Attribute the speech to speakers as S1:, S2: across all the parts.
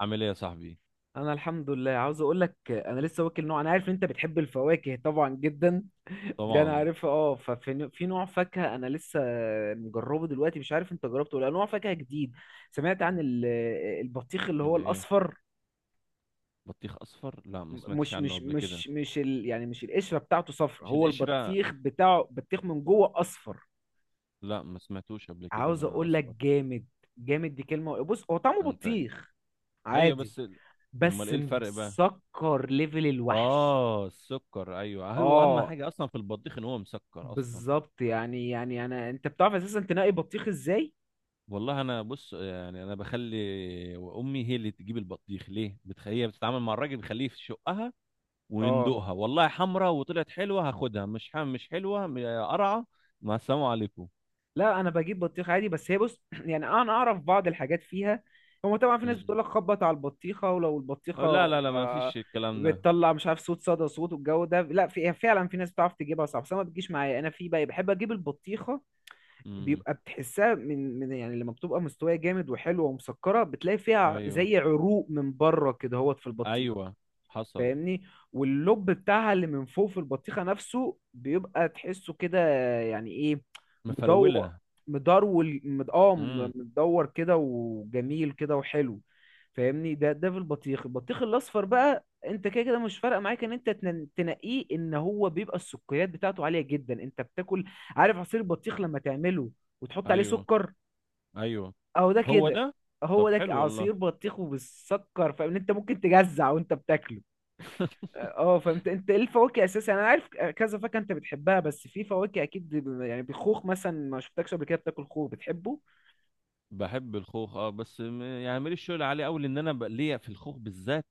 S1: عامل ايه يا صاحبي؟
S2: انا الحمد لله، عاوز اقول لك انا لسه واكل نوع. انا عارف إن انت بتحب الفواكه طبعا جدا. دي انا
S1: طبعا.
S2: عارفها. اه ففي في نوع فاكهه انا لسه مجربه دلوقتي. مش عارف انت جربته ولا لأ. نوع فاكهه جديد. سمعت عن البطيخ اللي هو
S1: اللي ايه؟
S2: الاصفر.
S1: بطيخ اصفر، لا ما سمعتش
S2: مش
S1: عنه
S2: مش
S1: قبل كده.
S2: مش مش يعني مش القشره بتاعته صفرا،
S1: مش
S2: هو
S1: القشره.
S2: البطيخ بتاعه بطيخ من جوه اصفر.
S1: لا ما سمعتوش قبل كده
S2: عاوز
S1: انا،
S2: اقول لك
S1: اصفر؟
S2: جامد. جامد دي كلمه. بص، هو طعمه
S1: انت.
S2: بطيخ
S1: ايوه
S2: عادي
S1: بس ال-، امال
S2: بس
S1: ايه الفرق بقى؟
S2: مسكر ليفل الوحش.
S1: اه السكر، ايوه، اهم
S2: اه،
S1: حاجه اصلا في البطيخ ان هو مسكر اصلا.
S2: بالظبط. يعني انت بتعرف اساسا تنقي بطيخ ازاي؟
S1: والله انا بص، يعني انا بخلي امي هي اللي تجيب البطيخ، ليه بتخ... هي بتتعامل مع الراجل بخليه في شقها
S2: اه،
S1: وندوقها، والله حمرا وطلعت حلوه هاخدها، مش حم مش حلوه م- قرعه، مع السلامه عليكم.
S2: لا، انا بجيب بطيخ عادي بس هي بص، يعني انا اعرف بعض الحاجات فيها. هو طبعا في ناس
S1: مم.
S2: بتقول لك خبط على البطيخه، ولو
S1: أو
S2: البطيخه
S1: لا لا لا، ما
S2: آه،
S1: فيش الكلام ده.
S2: بتطلع مش عارف صوت صدى صوت والجو ده. لا، في فعلا في ناس بتعرف تجيبها صح، بس انا ما بتجيش معايا. انا في بقى بحب اجيب البطيخه،
S1: امم.
S2: بيبقى بتحسها من، يعني لما بتبقى مستويه جامد وحلوه ومسكره بتلاقي فيها
S1: ايوه
S2: زي عروق من بره كده هوت في البطيخه.
S1: ايوه حصل.
S2: فاهمني؟ واللب بتاعها اللي من فوق في البطيخة نفسه بيبقى تحسه كده. يعني ايه؟ مدور.
S1: مفرولة.
S2: مدرول مد... اه م-
S1: امم.
S2: مدور كده وجميل كده وحلو. فاهمني؟ ده في البطيخ الاصفر بقى، انت كده كده مش فارقه معاك ان انت تنقيه، ان هو بيبقى السكريات بتاعته عاليه جدا. انت بتاكل، عارف عصير البطيخ لما تعمله وتحط عليه
S1: ايوه
S2: سكر؟
S1: ايوه
S2: اهو ده
S1: هو
S2: كده.
S1: ده. طب
S2: هو ده،
S1: حلو والله.
S2: عصير بطيخ وبالسكر، فاهم انت ممكن تجزع وانت بتاكله. اه، فانت ايه الفواكه اساسا؟ انا عارف كذا فاكهه انت بتحبها، بس في فواكه اكيد يعني بالخوخ مثلا ما شفتكش قبل كده بتاكل خوخ بتحبه.
S1: بحب الخوخ، اه بس م- يعني ماليش شغل عليه قوي، لان انا بقى ليا في الخوخ بالذات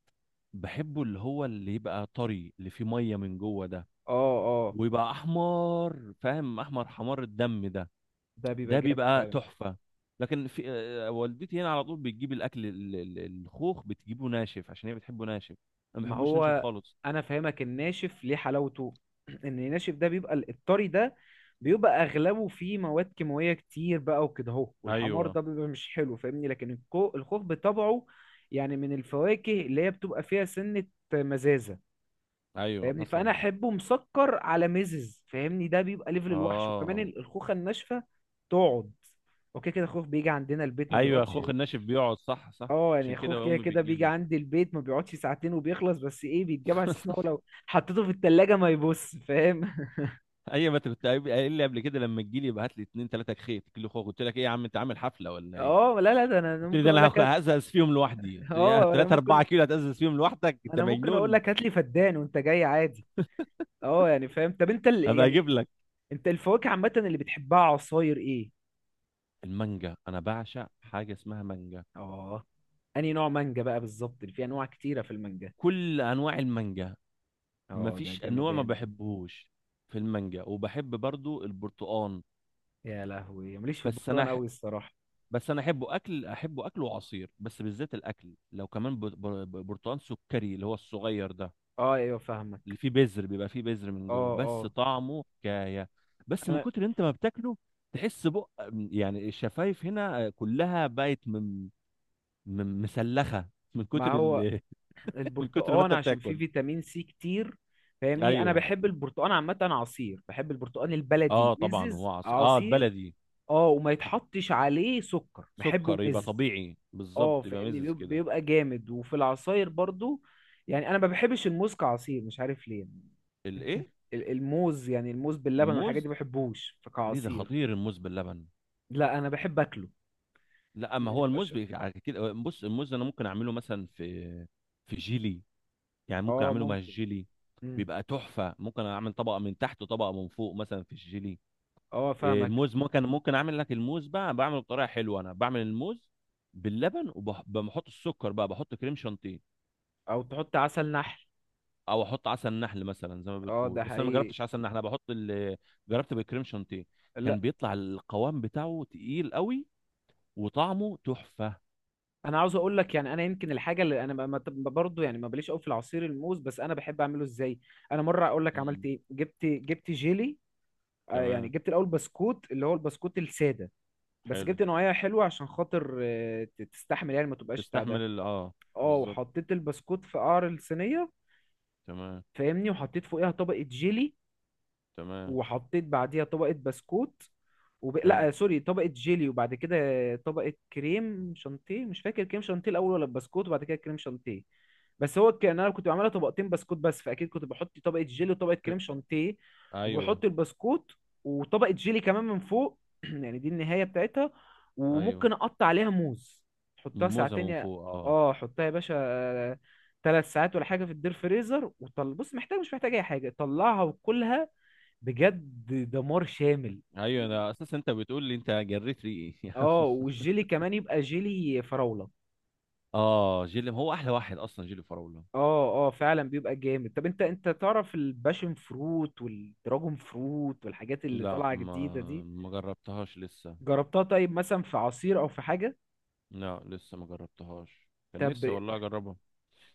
S1: بحبه اللي هو اللي يبقى طري اللي فيه ميه من جوه ده،
S2: اه، اه،
S1: ويبقى احمر، فاهم؟ احمر حمار الدم ده.
S2: ده بيبقى
S1: ده
S2: جامد
S1: بيبقى
S2: فعلا.
S1: تحفة. لكن في والدتي هنا على طول بتجيب الاكل ال- ال- الخوخ بتجيبه ناشف، عشان هي بتحبه ناشف. انا ما
S2: ما
S1: بحبوش ناشف
S2: هو
S1: خالص.
S2: انا فاهمك الناشف ليه حلاوته. ان الناشف ده بيبقى الطري ده بيبقى اغلبه فيه مواد كيماويه كتير بقى وكده اهو، والحمار
S1: ايوه
S2: ده بيبقى مش حلو. فاهمني؟ لكن الخوخ بطبعه يعني من الفواكه اللي هي بتبقى فيها سنه مزازه.
S1: ايوه
S2: فاهمني؟
S1: حصل.
S2: فانا احبه مسكر على ميزز. فاهمني؟ ده بيبقى ليفل الوحش. وكمان
S1: اه،
S2: الخوخه الناشفه تقعد. اوكي كده، خوخ بيجي عندنا البيت ما
S1: ايوه،
S2: بيقعدش.
S1: اخوخ الناشف بيقعد، صح،
S2: اه، يعني
S1: عشان
S2: خوخ
S1: كده
S2: كده
S1: امي
S2: كده بيجي
S1: بتجيبه.
S2: عندي البيت ما بيقعدش ساعتين وبيخلص. بس ايه، بيتجاب على اساس ان هو لو حطيته في التلاجة ما يبص، فاهم؟
S1: اي ما أنت كنت قايل لي قبل كده، لما تجي لي ابعت لي اتنين تلاته خيط كيلو خوخ، قلت لك ايه يا عم؟ انت عامل حفله ولا ايه؟
S2: اه، لا، لا، ده انا
S1: قلت لي
S2: ممكن
S1: ده
S2: اقول
S1: انا
S2: لك
S1: هاخ- هزقز فيهم لوحدي، قلت له يا
S2: اه، انا
S1: تلاته اربعه
S2: ممكن
S1: كيلو هتزقز فيهم لوحدك، انت
S2: انا ممكن اقول
S1: مجنون!
S2: لك هات لي فدان وانت جاي، عادي. اه، يعني فاهم. طب انت
S1: ابقى اجيب
S2: يعني
S1: لك.
S2: انت الفواكه عامه اللي بتحبها عصاير ايه؟
S1: المانجا، انا بعشق حاجه اسمها مانجا.
S2: اه، انهي نوع مانجا بقى بالظبط؟ اللي فيه انواع كتيره في المانجا.
S1: كل انواع المانجا،
S2: اه، ده
S1: مفيش نوع ما
S2: جمدان ده.
S1: بحبهوش في المانجا، وبحب برضو البرتقال.
S2: يا لهوي، ماليش في
S1: بس انا
S2: البرتقال
S1: ح...
S2: قوي الصراحه.
S1: بس انا احبه اكل، احبه اكل وعصير، بس بالذات الاكل لو كمان ب... ب... ب- برتقال سكري اللي هو الصغير ده،
S2: اه، ايوه،
S1: اللي
S2: فاهمك.
S1: فيه بذر، بيبقى فيه بذر من
S2: اه،
S1: جوه، بس
S2: اه،
S1: طعمه حكايه. بس من
S2: انا
S1: كتر انت ما بتاكله تحس بق، يعني الشفايف هنا كلها بقت من... من مسلخه، من
S2: ما
S1: كتر
S2: هو
S1: ال... من كتر ما
S2: البرتقال
S1: انت
S2: عشان فيه
S1: بتاكل.
S2: فيتامين سي كتير. فاهمني، انا
S1: ايوه.
S2: بحب البرتقال عامه عصير، بحب البرتقال البلدي
S1: اه طبعا
S2: المزز
S1: هو عصير، اه
S2: عصير.
S1: البلدي.
S2: اه، وما يتحطش عليه سكر بحبه
S1: سكر يبقى
S2: مز.
S1: طبيعي
S2: اه،
S1: بالظبط، يبقى
S2: فاهمني،
S1: مزز كده.
S2: بيبقى جامد. وفي العصاير برضو، يعني انا ما بحبش الموز كعصير، مش عارف ليه.
S1: الايه؟
S2: الموز، يعني الموز باللبن والحاجات
S1: الموز؟
S2: دي ما بحبوش،
S1: ليه، ده
S2: فكعصير.
S1: خطير الموز باللبن؟
S2: لا، انا بحب اكله.
S1: لا ما
S2: ما
S1: هو الموز
S2: يبقاش-
S1: بي- على كتير أوي. بص الموز انا ممكن اعمله مثلا في في جيلي، يعني ممكن
S2: اه
S1: اعمله مع
S2: ممكن.
S1: الجيلي،
S2: مم.
S1: بيبقى تحفه. ممكن اعمل طبقه من تحت وطبقه من فوق مثلا في الجيلي.
S2: اه، فاهمك.
S1: الموز ممكن، ممكن اعمل لك الموز بقى، بعمله بطريقه حلوه، انا بعمل الموز باللبن وبحط السكر بقى، بحط كريم شانتيه.
S2: او تحط عسل نحل.
S1: او احط عسل نحل مثلا زي ما
S2: اه،
S1: بتقول،
S2: ده
S1: بس انا ما
S2: حقيقي.
S1: جربتش عسل نحل، انا بحط اللي جربت بالكريم شانتيه، كان
S2: لا،
S1: بيطلع القوام بتاعه تقيل قوي، وطعمه تحفة.
S2: انا عاوز اقول لك يعني انا يمكن الحاجه اللي انا ما برضه، يعني ما بليش قوي في العصير الموز، بس انا بحب اعمله ازاي. انا مره اقول لك عملت
S1: مم.
S2: ايه: جبت جيلي. يعني
S1: تمام.
S2: جبت الاول بسكوت اللي هو البسكوت الساده، بس
S1: حلو،
S2: جبت نوعيه حلوه عشان خاطر تستحمل، يعني ما تبقاش بتاع
S1: تستحمل
S2: ده.
S1: ال اه.
S2: اه،
S1: بالظبط،
S2: وحطيت البسكوت في قعر الصينيه.
S1: تمام.
S2: فاهمني؟ وحطيت فوقيها طبقة جيلي،
S1: تمام.
S2: وحطيت بعديها طبقة بسكوت،
S1: حلو.
S2: لا، سوري، طبقة جيلي، وبعد كده طبقة كريم شانتيه. مش فاكر كريم شانتيه الأول ولا بسكوت وبعد كده كريم شانتيه، بس هو كان أنا كنت بعملها طبقتين بسكوت بس، فأكيد كنت بحط طبقة جيلي وطبقة
S1: ك...
S2: كريم شانتيه،
S1: ايوه
S2: وبحط البسكوت وطبقة جيلي كمان من فوق. يعني دي النهاية بتاعتها،
S1: ايوه
S2: وممكن أقطع عليها موز. حطها
S1: موزة
S2: ساعتين
S1: من فوق اه.
S2: اه، حطها يا باشا 3 ساعات ولا حاجة في الدير فريزر، وطل بص محتاج مش محتاج أي حاجة طلعها وكلها. بجد دمار شامل.
S1: ايوه انا اساسا انت بتقول لي انت جريت ريقي. يا عم،
S2: اه، والجيلي كمان يبقى جيلي فراولة.
S1: اه جيلي هو احلى واحد اصلا جيلي فراولة.
S2: اه، اه، فعلا بيبقى جامد. طب انت تعرف الباشن فروت والدراجون فروت والحاجات اللي
S1: لا
S2: طالعة
S1: ما
S2: جديدة دي؟
S1: ما جربتهاش لسه.
S2: جربتها؟ طيب مثلا في عصير او في حاجة؟
S1: لا لسه ما جربتهاش، كان
S2: طب
S1: نفسي والله اجربها.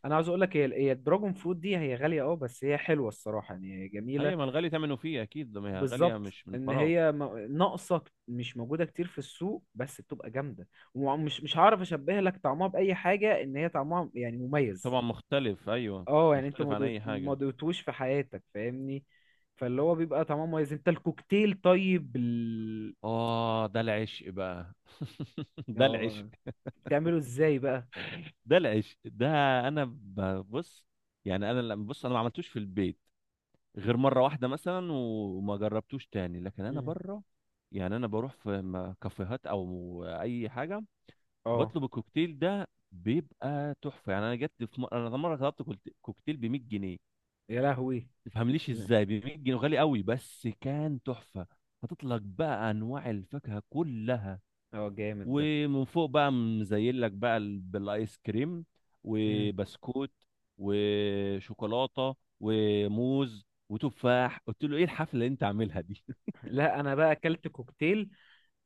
S2: انا عاوز اقول لك هي الدراجون فروت دي هي غالية، اه، بس هي حلوة الصراحة، يعني هي جميلة.
S1: ايوه ما الغالي ثمنه فيه اكيد ده، ما هي غاليه
S2: بالظبط،
S1: مش من
S2: ان
S1: فراغ.
S2: هي ناقصة مش موجودة كتير في السوق بس بتبقى جامدة. ومش مش هعرف اشبه لك طعمها بأي حاجة، ان هي طعمها يعني مميز.
S1: طبعا مختلف، ايوه.
S2: اه، يعني انت
S1: مختلف عن اي
S2: ما
S1: حاجه.
S2: دوتوش في حياتك، فاهمني؟ فاللي هو بيبقى طعمه مميز. انت الكوكتيل طيب
S1: اه ده العشق بقى، ده العشق،
S2: اه، بتعمله ازاي بقى؟
S1: ده العشق ده. انا ببص، يعني انا لما بص انا ما عملتوش في البيت غير مره واحده مثلا، وما جربتوش تاني، لكن انا
S2: مم.
S1: بره يعني انا بروح في م- كافيهات او اي حاجه،
S2: اه،
S1: بطلب الكوكتيل ده، بيبقى تحفه. يعني انا جت في م... انا مره طلبت كولت- كوكتيل ب 100 جنيه،
S2: يا لهوي.
S1: تفهمليش
S2: مم.
S1: ازاي ب 100 جنيه غالي قوي، بس كان تحفه. هتطلق بقى انواع الفاكهه كلها،
S2: اه، جامد ده.
S1: ومن فوق بقى مزين لك بقى ال- بالايس كريم
S2: مم.
S1: وبسكوت وشوكولاته وموز وتفاح، قلت له ايه الحفله اللي انت عاملها دي؟
S2: لا، انا بقى اكلت كوكتيل.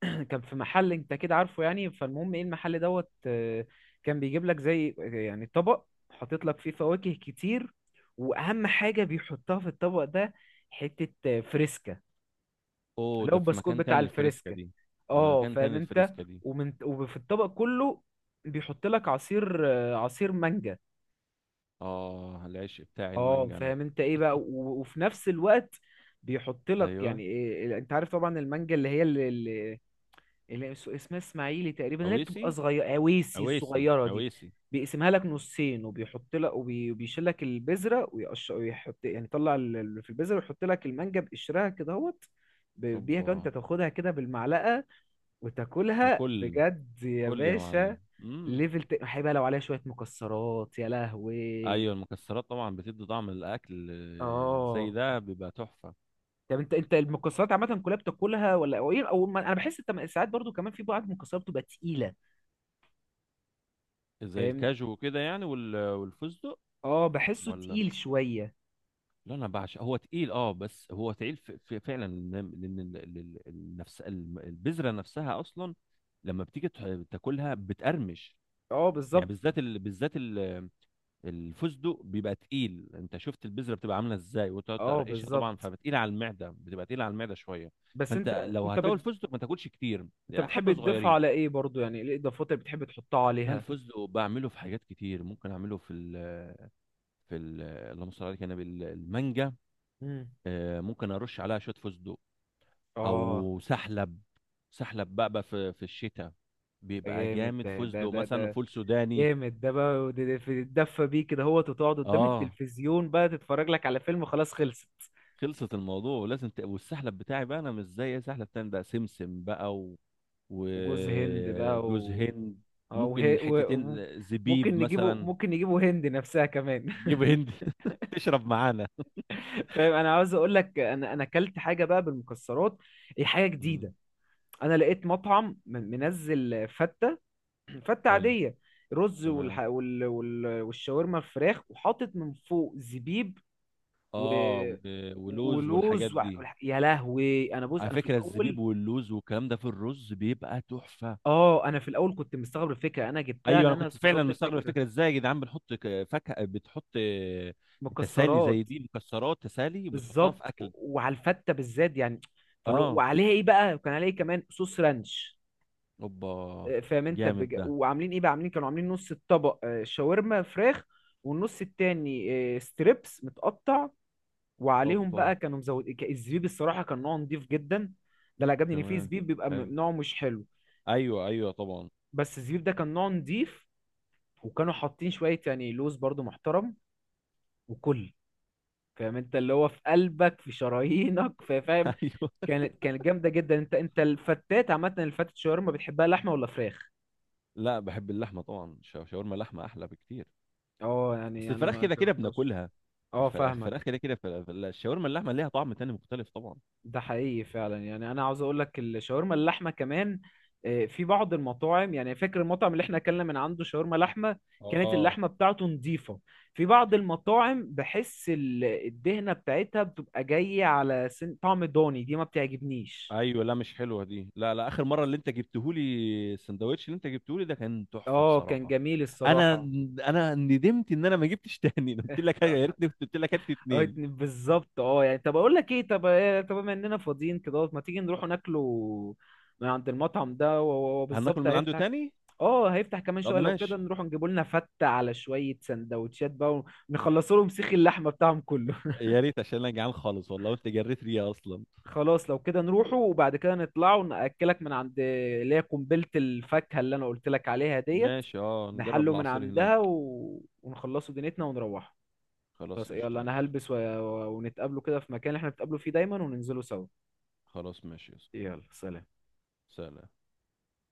S2: كان في محل، انت كده عارفه يعني. فالمهم ايه المحل دوت، كان بيجيب لك زي يعني طبق حاطط لك فيه فواكه كتير، واهم حاجة بيحطها في الطبق ده حتة فريسكا،
S1: اوه،
S2: اللي هو
S1: ده في
S2: البسكوت
S1: مكان
S2: بتاع
S1: تاني الفريسكا
S2: الفريسكا.
S1: دي؟
S2: اه،
S1: مكان
S2: فاهم
S1: تاني
S2: انت؟
S1: الفريسكا دي.
S2: ومن وفي الطبق كله بيحط لك عصير، عصير مانجا.
S1: اه العشق بتاعي
S2: اه،
S1: المانجا انا.
S2: فاهم انت ايه بقى؟ وفي نفس الوقت بيحط لك، يعني
S1: ايوه،
S2: إيه، انت عارف طبعا المانجا اللي هي اسمها اسماعيلي تقريبا، اللي هي
S1: عويسي
S2: بتبقى صغيره اويسي
S1: عويسي
S2: الصغيره دي.
S1: عويسي.
S2: بيقسمها لك نصين، وبيحط لك وبيشيل لك البذره ويقش ويحط، يعني يطلع في البذره، ويحط لك المانجا بقشرها كده اهوت. بيها كده، انت
S1: اوبا.
S2: تاخدها كده بالمعلقه وتاكلها
S1: وكل،
S2: بجد يا
S1: كل يا
S2: باشا.
S1: معلم.
S2: ليفل هيبقى لو عليها شويه مكسرات يا لهوي.
S1: ايوه المكسرات طبعا بتدي طعم الاكل، زي
S2: اه،
S1: ده بيبقى تحفه.
S2: طب انت المكسرات عامه كلها بتاكلها، ولا او ايه، او ما... انا بحس انت ساعات برضو كمان في بعض المكسرات بتبقى تقيله،
S1: زي
S2: فاهم؟
S1: الكاجو وكده يعني، وال- والفستق.
S2: اه، بحسه
S1: ولا،
S2: تقيل شويه.
S1: لا انا بعشق، هو تقيل اه بس هو تقيل ف- ف- فعلا، لان لأن ال- ال- ال- النفس الم- البذره نفسها اصلا لما بتيجي تح- تاكلها بتقرمش.
S2: اه،
S1: يعني
S2: بالظبط.
S1: بالذات ال... بالذات ال... الفستق بيبقى تقيل، انت شفت البذره بتبقى عامله ازاي، وتقعد
S2: اه،
S1: تقرقشها طبعا،
S2: بالظبط.
S1: فبتقيله على المعده، بتبقى تقيله على المعده شويه.
S2: بس
S1: فانت لو
S2: انت بت...
S1: هتاكل فستق ما تاكلش كتير،
S2: انت
S1: يعني
S2: بتحب
S1: حبه
S2: تضيفها على
S1: صغيرين.
S2: ايه برضو، يعني ايه الاضافات اللي بتحب تحطها
S1: لا
S2: عليها؟
S1: الفستق بعمله في حاجات كتير، ممكن اعمله في ال في ال اللهم صل على النبي، انا بالمانجا
S2: امم
S1: ممكن ارش عليها شويه فستق،
S2: اه،
S1: او سحلب. سحلب بقى، بقى في في الشتاء
S2: ده
S1: بيبقى
S2: جامد
S1: جامد. فستق مثلا،
S2: ده
S1: فول سوداني.
S2: جامد ده بقى. تدفى بيه كده، هو تقعد قدام
S1: اه
S2: التلفزيون بقى تتفرج لك على فيلم، خلاص خلصت.
S1: خلصت. الموضوع لازم ت... والسحلب بتاعي بقى انا مش زي سحلب تاني، ده سمسم بقى و...
S2: وجوز هند بقى
S1: وجوز
S2: و...
S1: هند.
S2: أو هي...
S1: وممكن
S2: و...
S1: حتتين
S2: و-
S1: زبيب
S2: ممكن نجيبه،
S1: مثلا.
S2: هند نفسها كمان.
S1: جيب هند، تشرب معانا.
S2: فاهم؟ انا عاوز اقول لك انا اكلت حاجه بقى بالمكسرات، هي حاجه
S1: مم،
S2: جديده. انا لقيت مطعم منزل فته. فته
S1: حلو،
S2: عاديه، رز
S1: تمام.
S2: والشاورما الفراخ، وحاطط من فوق زبيب و...
S1: اه و- ولوز والحاجات
S2: ولوز
S1: دي.
S2: يا لهوي. انا بص،
S1: على فكره الزبيب واللوز والكلام ده في الرز بيبقى تحفه.
S2: انا في الاول كنت مستغرب الفكره، انا جبتها
S1: ايوه
S2: ان
S1: انا كنت فعلا
S2: استغربت
S1: مستغرب
S2: الفكره.
S1: الفكره، ازاي يا جدعان بنحط ك- فاكهه بتحط تسالي
S2: مكسرات،
S1: زي دي مكسرات تسالي وبتحطها
S2: بالظبط.
S1: في اكل؟
S2: وعلى الفته بالذات يعني، فلو
S1: اه،
S2: وعليها ايه بقى، كان عليها إيه كمان صوص رانش؟
S1: اوبا.
S2: فاهم انت
S1: جامد ده.
S2: وعاملين ايه بقى؟ كانوا عاملين نص الطبق شاورما فراخ، والنص التاني ستريبس متقطع. وعليهم
S1: اوبا.
S2: بقى كانوا مزود الزبيب. الصراحه كان نوعه نضيف جدا. ده اللي عجبني، ان في
S1: تمام،
S2: زبيب بيبقى
S1: حلو.
S2: نوعه مش حلو،
S1: ايوه طبعا.
S2: بس الزبيب ده كان نوعه نضيف، وكانوا حاطين شويه يعني لوز برضو محترم وكل. فاهم انت؟ اللي هو في قلبك في شرايينك فاهم.
S1: ايوه.
S2: كانت جامده جدا. انت الفتات عامه الفتة شاورما بتحبها لحمه ولا فراخ؟
S1: لا بحب اللحمه طبعا، شا- شاورما اللحمه احلى بكتير.
S2: اه،
S1: اصل
S2: يعني انا
S1: الفراخ
S2: ما
S1: كده كده
S2: جربتهاش.
S1: بناكلها،
S2: اه،
S1: الفراخ الفراخ
S2: فاهمك.
S1: كده كده فلا- فلا- الشاورما اللحمه ليها طعم تاني مختلف طبعا.
S2: ده حقيقي فعلا. يعني انا عاوز اقول لك الشاورما اللحمه كمان، في بعض المطاعم، يعني فاكر المطعم اللي احنا اكلنا من عنده شاورما لحمه، كانت
S1: اه
S2: اللحمه بتاعته نظيفه. في بعض المطاعم بحس الدهنه بتاعتها بتبقى جايه على سن طعم ضاني، دي ما بتعجبنيش.
S1: ايوه، لا مش حلوه دي لا لا. اخر مره اللي انت جبتهولي، السندوتش اللي انت جبتهولي ده كان تحفه
S2: اه، كان
S1: بصراحه.
S2: جميل
S1: انا
S2: الصراحه.
S1: انا ندمت ان انا ما جبتش تاني، أنا قلت لك يا ريتني كنت قلت لك هات لي
S2: اه،
S1: اتنين.
S2: بالظبط. اه، يعني طب اقول لك ايه؟ طب طب بما اننا فاضيين كده، ما تيجي نروح ناكله من عند المطعم ده. هو
S1: هناكل
S2: بالظبط
S1: من عنده
S2: هيفتح.
S1: تاني؟
S2: اه، هيفتح كمان
S1: طب
S2: شويه. لو كده
S1: ماشي.
S2: نروح نجيبوا لنا فته على شويه سندوتشات بقى، ونخلصوا لهم سيخ اللحمه بتاعهم كله.
S1: يا ريت، عشان انا جعان خالص والله، وانت جريت ريا اصلا.
S2: خلاص، لو كده نروحوا، وبعد كده نطلعوا ناكلك من عند اللي هي قنبله الفاكهه اللي انا قلت لك عليها ديت.
S1: ماشي، اه نجرب
S2: نحله من
S1: العصير هناك.
S2: عندها ونخلصوا دنيتنا ونروحوا.
S1: خلاص
S2: خلاص
S1: قشطه،
S2: يلا، انا
S1: ماشي.
S2: هلبس ونتقابلوا كده في مكان اللي احنا بنتقابلوا فيه دايما، وننزلوا سوا.
S1: خلاص ماشي يا صاحبي.
S2: يلا، سلام.
S1: سلام.